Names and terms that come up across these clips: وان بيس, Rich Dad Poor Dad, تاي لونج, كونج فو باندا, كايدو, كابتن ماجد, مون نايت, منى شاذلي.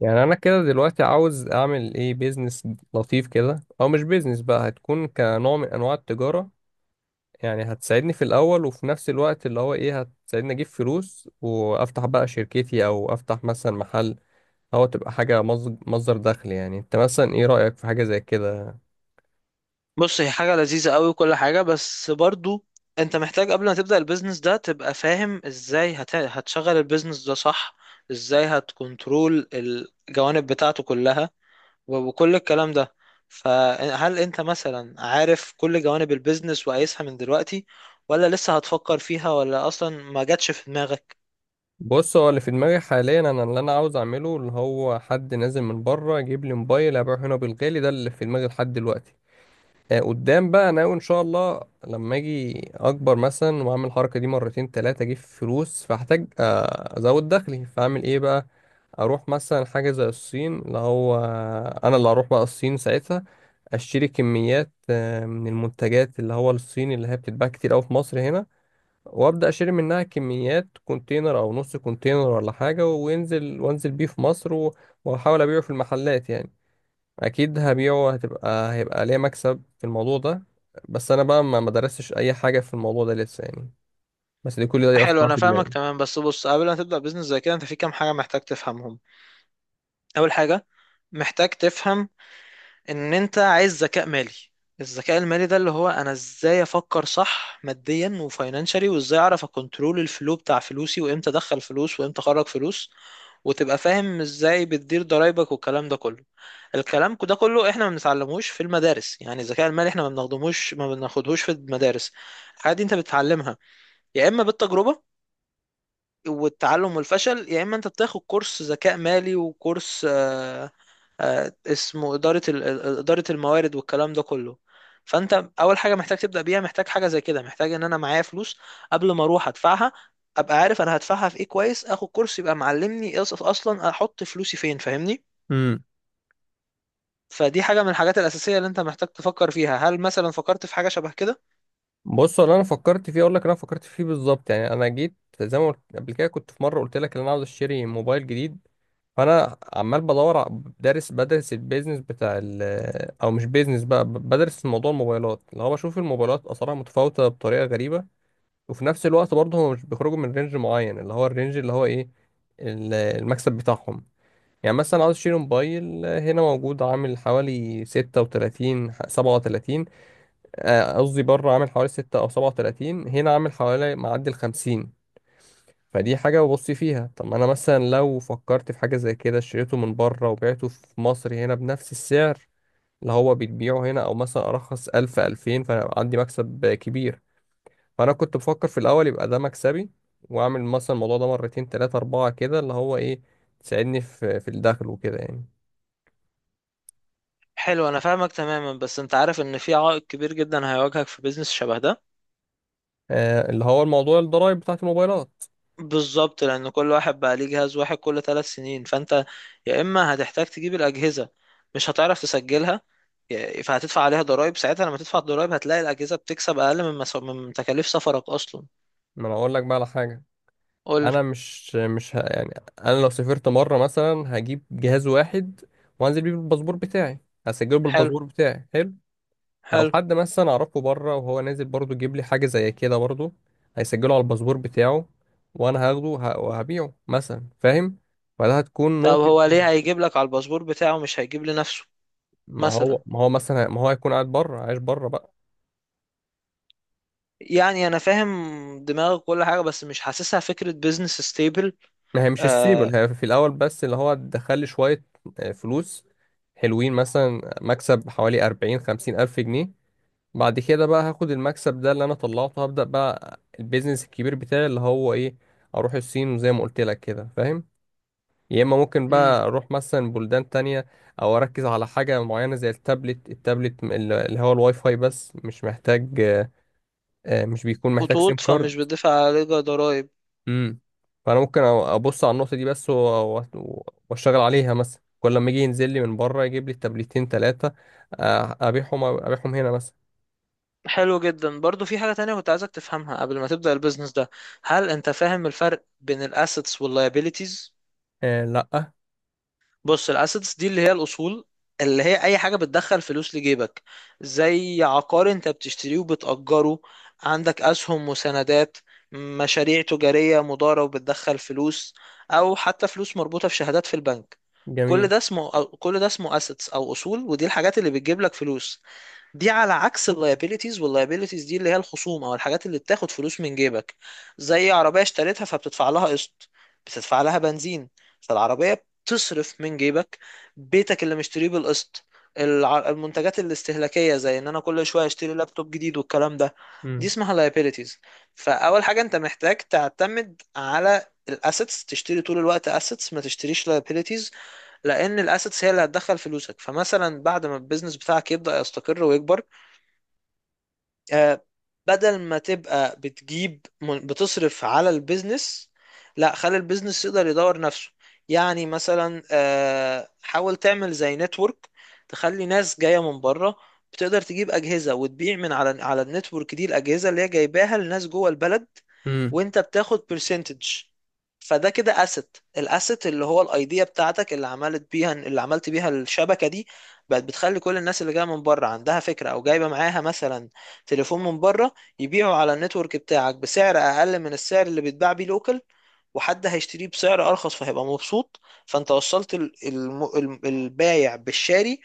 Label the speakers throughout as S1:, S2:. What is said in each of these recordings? S1: يعني انا كده دلوقتي عاوز اعمل ايه بيزنس لطيف كده، او مش بيزنس بقى، هتكون كنوع من انواع التجارة. يعني هتساعدني في الاول، وفي نفس الوقت اللي هو ايه، هتساعدني اجيب فلوس وافتح بقى شركتي او افتح مثلا محل، او تبقى حاجة مصدر دخل. يعني انت مثلا ايه رأيك في حاجة زي كده؟
S2: بص، هي حاجة لذيذة قوي وكل حاجة. بس برضو انت محتاج قبل ما تبدأ البيزنس ده تبقى فاهم ازاي هتشغل البيزنس ده صح، ازاي هتكنترول الجوانب بتاعته كلها و- وكل الكلام ده. فهل انت مثلا عارف كل جوانب البيزنس وقايسها من دلوقتي، ولا لسه هتفكر فيها، ولا اصلا ما جاتش في دماغك؟
S1: بص، هو اللي في دماغي حاليا انا، اللي انا عاوز اعمله، اللي هو حد نازل من بره يجيب لي موبايل ابيعه هنا بالغالي. ده اللي في دماغي لحد دلوقتي. قدام بقى انا ناوي ان شاء الله لما اجي اكبر مثلا واعمل الحركه دي مرتين ثلاثه اجيب فلوس، فاحتاج ازود دخلي، فاعمل ايه بقى؟ اروح مثلا حاجه زي الصين، اللي هو انا اللي هروح بقى الصين ساعتها، اشتري كميات من المنتجات اللي هو الصيني، اللي هي بتتباع كتير قوي في مصر هنا، وابدا اشتري منها كميات كونتينر او نص كونتينر ولا حاجه، وانزل بيه في مصر واحاول ابيعه في المحلات يعني. اكيد هبيعه، هيبقى ليا مكسب في الموضوع ده. بس انا بقى ما درستش اي حاجه في الموضوع ده لسه يعني. بس دي، كل دي
S2: حلو،
S1: افكار
S2: انا
S1: في
S2: فاهمك
S1: دماغي.
S2: تمام. بس بص، قبل ما تبدأ بيزنس زي كده انت في كام حاجة محتاج تفهمهم. اول حاجة محتاج تفهم ان انت عايز ذكاء مالي. الذكاء المالي ده اللي هو انا ازاي افكر صح، ماديا وفاينانشالي، وازاي اعرف اكنترول الفلو بتاع فلوسي، وامتى ادخل فلوس وامتى اخرج فلوس، وتبقى فاهم ازاي بتدير ضرايبك والكلام ده كله. الكلام ده كله احنا ما بنتعلموش في المدارس، يعني الذكاء المالي احنا ما بناخدهوش في المدارس. الحاجات دي انت بتتعلمها يا اما بالتجربة والتعلم والفشل، يا اما انت بتاخد كورس ذكاء مالي وكورس اسمه إدارة إدارة الموارد والكلام ده كله. فأنت أول حاجة محتاج تبدأ بيها، محتاج حاجة زي كده، محتاج إن أنا معايا فلوس. قبل ما أروح أدفعها أبقى عارف أنا هدفعها في إيه كويس، آخد كورس يبقى معلمني إيه أصلا أحط فلوسي فين، فاهمني؟
S1: امم
S2: فدي حاجة من الحاجات الأساسية اللي أنت محتاج تفكر فيها. هل مثلا فكرت في حاجة شبه كده؟
S1: بص، اللي انا فكرت فيه اقول لك، انا فكرت فيه بالظبط. يعني انا جيت، زي ما قلت قبل كده، كنت في مره قلت لك ان انا عاوز اشتري موبايل جديد، فانا عمال دارس، بدرس البيزنس بتاع او مش بيزنس بقى، بدرس موضوع الموبايلات. اللي هو بشوف الموبايلات اسعارها متفاوته بطريقه غريبه، وفي نفس الوقت برضه هم مش بيخرجوا من رينج معين، اللي هو الرينج اللي هو ايه، المكسب بتاعهم. يعني مثلا عاوز اشتري موبايل، هنا موجود عامل حوالي ستة وتلاتين، سبعة وتلاتين. قصدي بره عامل حوالي ستة أو سبعة وتلاتين، هنا عامل حوالي معدي الخمسين. فدي حاجة ببص فيها. طب ما أنا مثلا لو فكرت في حاجة زي كده، اشتريته من بره وبعته في مصر هنا بنفس السعر اللي هو بيتبيعه هنا، أو مثلا أرخص ألف ألفين، فأنا عندي مكسب كبير. فانا كنت بفكر في الاول، يبقى ده مكسبي. واعمل مثلا الموضوع ده مرتين تلاتة اربعة كده، اللي هو ايه، تساعدني في الدخل وكده يعني.
S2: حلو، أنا فاهمك تماما. بس أنت عارف إن في عائق كبير جدا هيواجهك في بيزنس شبه ده.
S1: آه، اللي هو الموضوع الضرايب بتاعت الموبايلات.
S2: بالظبط، لان كل واحد بقى ليه جهاز واحد كل ثلاث سنين، فانت يا اما هتحتاج تجيب الاجهزه، مش هتعرف تسجلها، فهتدفع عليها ضرائب، ساعتها لما تدفع الضرائب هتلاقي الاجهزه بتكسب اقل من تكاليف سفرك اصلا.
S1: ما انا اقول لك بقى على حاجة.
S2: قول لي.
S1: انا مش مش ه... يعني، انا لو سافرت مرة مثلا هجيب جهاز واحد، وانزل بيه بالباسبور بتاعي، هسجله
S2: حلو.
S1: بالباسبور بتاعي. حلو. لو
S2: حلو.
S1: حد مثلا اعرفه بره وهو نازل برضه يجيب لي حاجة زي كده برضه، هيسجله على الباسبور بتاعه، وانا هاخده وهبيعه مثلا، فاهم؟ فده هتكون
S2: طب
S1: نقطة.
S2: هو ليه هيجيب لك على الباسبور بتاعه، مش هيجيب لنفسه؟
S1: ما
S2: مثلا،
S1: هو ما هو مثلا ما هو هيكون قاعد بره، عايش بره بقى.
S2: يعني انا فاهم دماغك كل حاجه، بس مش حاسسها فكره بيزنس ستيبل.
S1: ما هي مش
S2: آه.
S1: السيبل، هي في الاول بس اللي هو دخل لي شويه فلوس حلوين، مثلا مكسب حوالي 40 50 الف جنيه. بعد كده بقى هاخد المكسب ده اللي انا طلعته، هبدا بقى البيزنس الكبير بتاعي اللي هو ايه، اروح الصين، وزي ما قلت لك كده فاهم. يا اما ممكن
S2: امم.
S1: بقى اروح مثلا بلدان تانية، او اركز على حاجه معينه زي التابلت. التابلت اللي هو الواي فاي بس، مش محتاج مش بيكون محتاج سيم
S2: خطوط،
S1: كارد.
S2: فمش بتدفع عليها ضرائب.
S1: امم. فانا ممكن ابص على النقطه دي بس، واشتغل عليها. مثلا كل لما يجي ينزل لي من بره يجيب لي التابلتين ثلاثه، ابيعهم هنا مثلا.
S2: حلو جدا. برضو في حاجة تانية كنت عايزك تفهمها قبل ما تبدأ البيزنس ده. هل انت فاهم الفرق بين الاسيتس واللايبيليتيز؟
S1: آه لا.
S2: بص، الاسيتس دي اللي هي الاصول، اللي هي اي حاجة بتدخل فلوس لجيبك. زي عقار انت بتشتريه وبتأجره، عندك اسهم وسندات، مشاريع تجارية مضارة وبتدخل فلوس، او حتى فلوس مربوطة في شهادات في البنك. كل
S1: جميل.
S2: ده اسمه كل ده اسمه اسيتس او اصول، ودي الحاجات اللي بتجيب لك فلوس. دي على عكس اللايبيليتيز، واللايبيليتيز دي اللي هي الخصوم او الحاجات اللي بتاخد فلوس من جيبك. زي عربية اشتريتها فبتدفع لها قسط، بتدفع لها بنزين، فالعربية بتصرف من جيبك. بيتك اللي مشتريه بالقسط، المنتجات الاستهلاكية زي ان انا كل شوية اشتري لابتوب جديد والكلام ده، دي
S1: امم.
S2: اسمها liabilities. فاول حاجة انت محتاج تعتمد على الاسيتس، تشتري طول الوقت اسيتس ما تشتريش liabilities، لان الاسيتس هي اللي هتدخل فلوسك. فمثلا بعد ما البيزنس بتاعك يبدأ يستقر ويكبر، آه، بدل ما تبقى بتصرف على البيزنس، لا، خلي البيزنس يقدر يدور نفسه. يعني مثلا حاول تعمل زي نتورك، تخلي ناس جاية من بره بتقدر تجيب أجهزة وتبيع من على على النتورك دي الأجهزة اللي هي جايباها لناس جوه البلد،
S1: امم.
S2: وانت بتاخد برسنتج. فده كده اسيت. الاسيت اللي هو الايديا بتاعتك اللي عملت بيها الشبكه دي، بقت بتخلي كل الناس اللي جايه من بره عندها فكره او جايبه معاها مثلا تليفون من بره يبيعوا على النتورك بتاعك بسعر اقل من السعر اللي بيتباع بيه لوكال، وحد هيشتريه بسعر ارخص فهيبقى مبسوط. فانت وصلت البايع بالشاري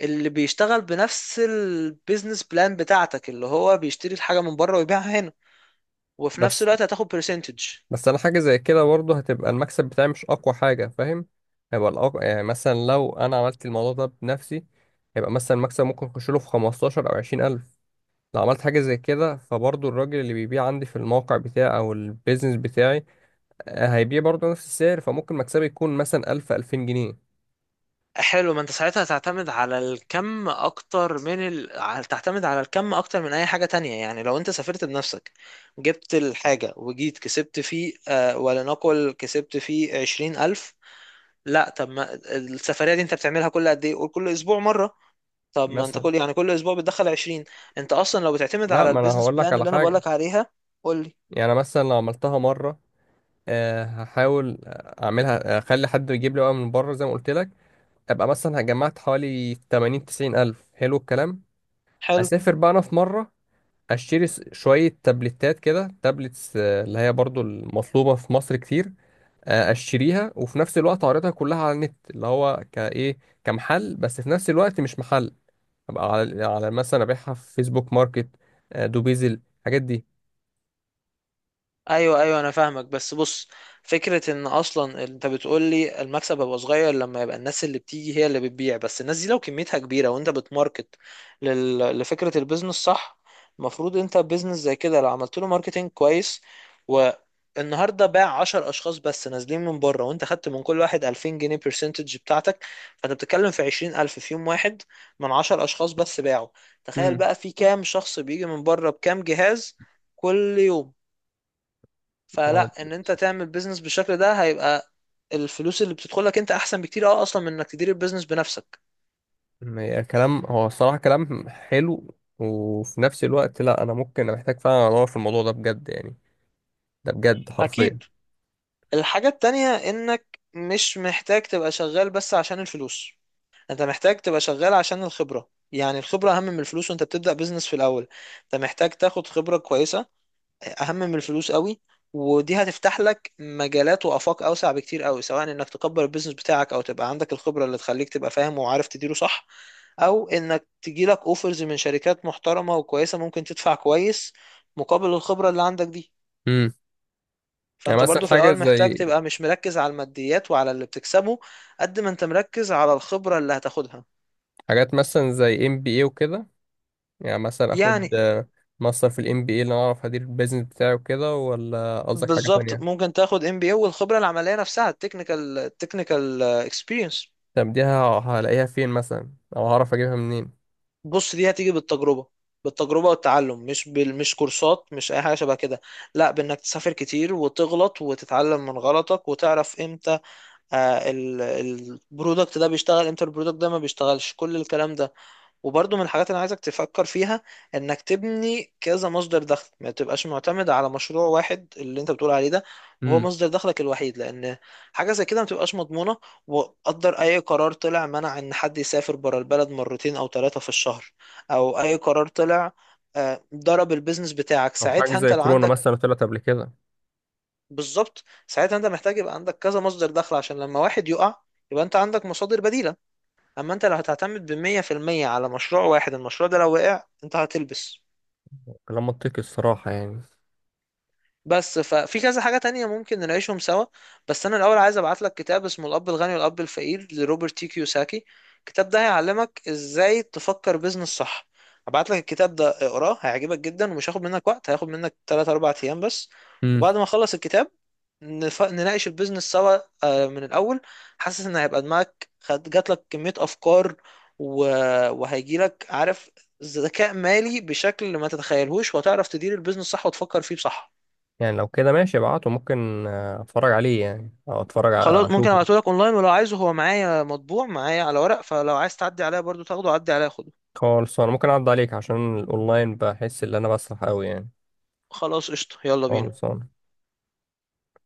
S2: اللي بيشتغل بنفس البيزنس بلان بتاعتك، اللي هو بيشتري الحاجه من بره ويبيعها هنا، وفي نفس
S1: بس
S2: الوقت هتاخد برسنتج.
S1: بس انا حاجه زي كده برضه هتبقى المكسب بتاعي مش اقوى حاجه، فاهم؟ هيبقى الأقوى يعني مثلا لو انا عملت الموضوع ده بنفسي، هيبقى مثلا المكسب ممكن يخش له في 15 او 20 الف. لو عملت حاجه زي كده، فبرضه الراجل اللي بيبيع عندي في الموقع بتاعي او البيزنس بتاعي هيبيع برضه نفس السعر، فممكن مكسبي يكون مثلا 1000 2000 جنيه
S2: حلو. ما انت ساعتها تعتمد على الكم اكتر تعتمد على الكم اكتر من اي حاجة تانية. يعني لو انت سافرت بنفسك، جبت الحاجة وجيت كسبت فيه، آه ولنقل كسبت فيه عشرين الف، لا، طب ما السفرية دي انت بتعملها كل قد ايه؟ قول كل اسبوع مرة، طب ما انت
S1: مثلا.
S2: كل اسبوع بتدخل عشرين. انت اصلا لو بتعتمد
S1: لا،
S2: على
S1: ما انا
S2: البيزنس
S1: هقول لك
S2: بلان
S1: على
S2: اللي انا
S1: حاجه.
S2: بقولك عليها. قول لي.
S1: يعني مثلا لو عملتها مره، هحاول اعملها، اخلي حد يجيب لي بقى من بره زي ما قلت لك، ابقى مثلا جمعت حوالي 80 90 الف، حلو الكلام.
S2: حلو.
S1: اسافر بقى انا في مره، اشتري شويه تابلتات كده، تابلتس، اللي هي برضو المطلوبه في مصر كتير. اشتريها، وفي نفس الوقت اعرضها كلها على النت، اللي هو كايه كمحل، بس في نفس الوقت مش محل. ابقى على، على مثلا ابيعها في فيسبوك ماركت، دوبيزل، الحاجات دي.
S2: ايوه ايوه، انا فاهمك. بس بص، فكره ان اصلا انت بتقول لي المكسب هيبقى صغير لما يبقى الناس اللي بتيجي هي اللي بتبيع. بس الناس دي لو كميتها كبيره وانت بتماركت لفكره البيزنس صح، المفروض انت بيزنس زي كده لو عملت له ماركتنج كويس والنهارده باع 10 اشخاص بس نازلين من بره، وانت خدت من كل واحد 2000 جنيه برسنتج بتاعتك، فانت بتتكلم في 20,000 في يوم واحد من 10 اشخاص بس باعوا. تخيل
S1: امم.
S2: بقى في كام شخص بيجي من بره بكام جهاز كل يوم.
S1: هو
S2: فلا، ان انت تعمل بيزنس بالشكل ده هيبقى الفلوس اللي بتدخلك انت احسن بكتير، اه، اصلا من انك تدير البيزنس بنفسك.
S1: كلام، هو الصراحة كلام حلو، وفي نفس الوقت لا انا ممكن، أنا محتاج فعلا ادور في الموضوع ده بجد يعني، ده بجد حرفيا.
S2: اكيد. الحاجة التانية انك مش محتاج تبقى شغال بس عشان الفلوس، انت محتاج تبقى شغال عشان الخبرة. يعني الخبرة اهم من الفلوس، وانت بتبدأ بيزنس في الاول انت محتاج تاخد خبرة كويسة، اهم من الفلوس قوي. ودي هتفتح لك مجالات وافاق اوسع بكتير قوي، سواء انك تكبر البيزنس بتاعك او تبقى عندك الخبره اللي تخليك تبقى فاهم وعارف تديره صح، او انك تجيلك اوفرز من شركات محترمه وكويسه ممكن تدفع كويس مقابل الخبره اللي عندك دي.
S1: امم. يعني
S2: فانت
S1: مثلا
S2: برضو في
S1: حاجة
S2: الاول محتاج
S1: زي،
S2: تبقى مش مركز على الماديات وعلى اللي بتكسبه، قد ما انت مركز على الخبره اللي هتاخدها.
S1: حاجات مثلا زي ام بي اي وكده. يعني مثلا اخد
S2: يعني
S1: ماستر في الام بي اي، اللي انا اعرف ادير البيزنس بتاعي وكده، ولا قصدك حاجة
S2: بالظبط،
S1: تانية؟
S2: ممكن تاخد ام بي اي والخبره العمليه نفسها، التكنيكال، التكنيكال اكسبيرينس.
S1: طب دي هلاقيها فين مثلا، او هعرف اجيبها منين؟
S2: بص دي هتيجي بالتجربة، بالتجربة والتعلم، مش كورسات مش أي حاجة شبه كده، لا، بإنك تسافر كتير وتغلط وتتعلم من غلطك وتعرف إمتى، البرودكت ده بيشتغل، إمتى البرودكت ده ما بيشتغلش، كل الكلام ده. وبرضو من الحاجات اللي عايزك تفكر فيها انك تبني كذا مصدر دخل، ما تبقاش معتمد على مشروع واحد اللي انت بتقول عليه ده وهو
S1: امم.
S2: مصدر دخلك الوحيد، لان حاجه زي كده ما تبقاش مضمونه. وقدر اي قرار طلع منع ان حد يسافر بره البلد مرتين او ثلاثه في الشهر، او اي قرار طلع ضرب البيزنس بتاعك،
S1: او حاجة
S2: ساعتها انت
S1: زي
S2: لو
S1: كورونا
S2: عندك،
S1: مثلا طلعت قبل كده.
S2: بالظبط، ساعتها انت محتاج يبقى عندك كذا مصدر دخل، عشان لما واحد يقع يبقى انت عندك مصادر بديلة. اما انت لو هتعتمد بمية في المية على مشروع واحد، المشروع ده لو وقع انت هتلبس.
S1: كلام منطقي الصراحة يعني.
S2: بس ففي كذا حاجة تانية ممكن نعيشهم سوا. بس أنا الأول عايز أبعت لك كتاب اسمه الأب الغني والأب الفقير، لروبرت تي كيوساكي. الكتاب ده هيعلمك إزاي تفكر بيزنس صح. هبعت لك الكتاب ده اقراه، هيعجبك جدا ومش هياخد منك وقت، هياخد منك 3 4 أيام بس.
S1: امم.
S2: وبعد ما أخلص الكتاب نناقش البيزنس سوا، من الأول. حاسس إن هيبقى دماغك جات لك كمية أفكار، و... وهيجي لك، عارف، ذكاء مالي بشكل ما تتخيلهوش، وهتعرف تدير البيزنس صح وتفكر فيه بصح.
S1: يعني لو كده ماشي ابعته، ممكن اتفرج عليه يعني، او اتفرج
S2: خلاص، ممكن
S1: اشوفه.
S2: ابعته لك اونلاين، ولو عايزه هو معايا مطبوع معايا على ورق، فلو عايز تعدي عليا برضو تاخده، عدي عليا خده.
S1: خالص. انا ممكن اعد عليك عشان الاونلاين بحس ان انا بسرح قوي يعني.
S2: خلاص قشطة، يلا بينا.
S1: خالص.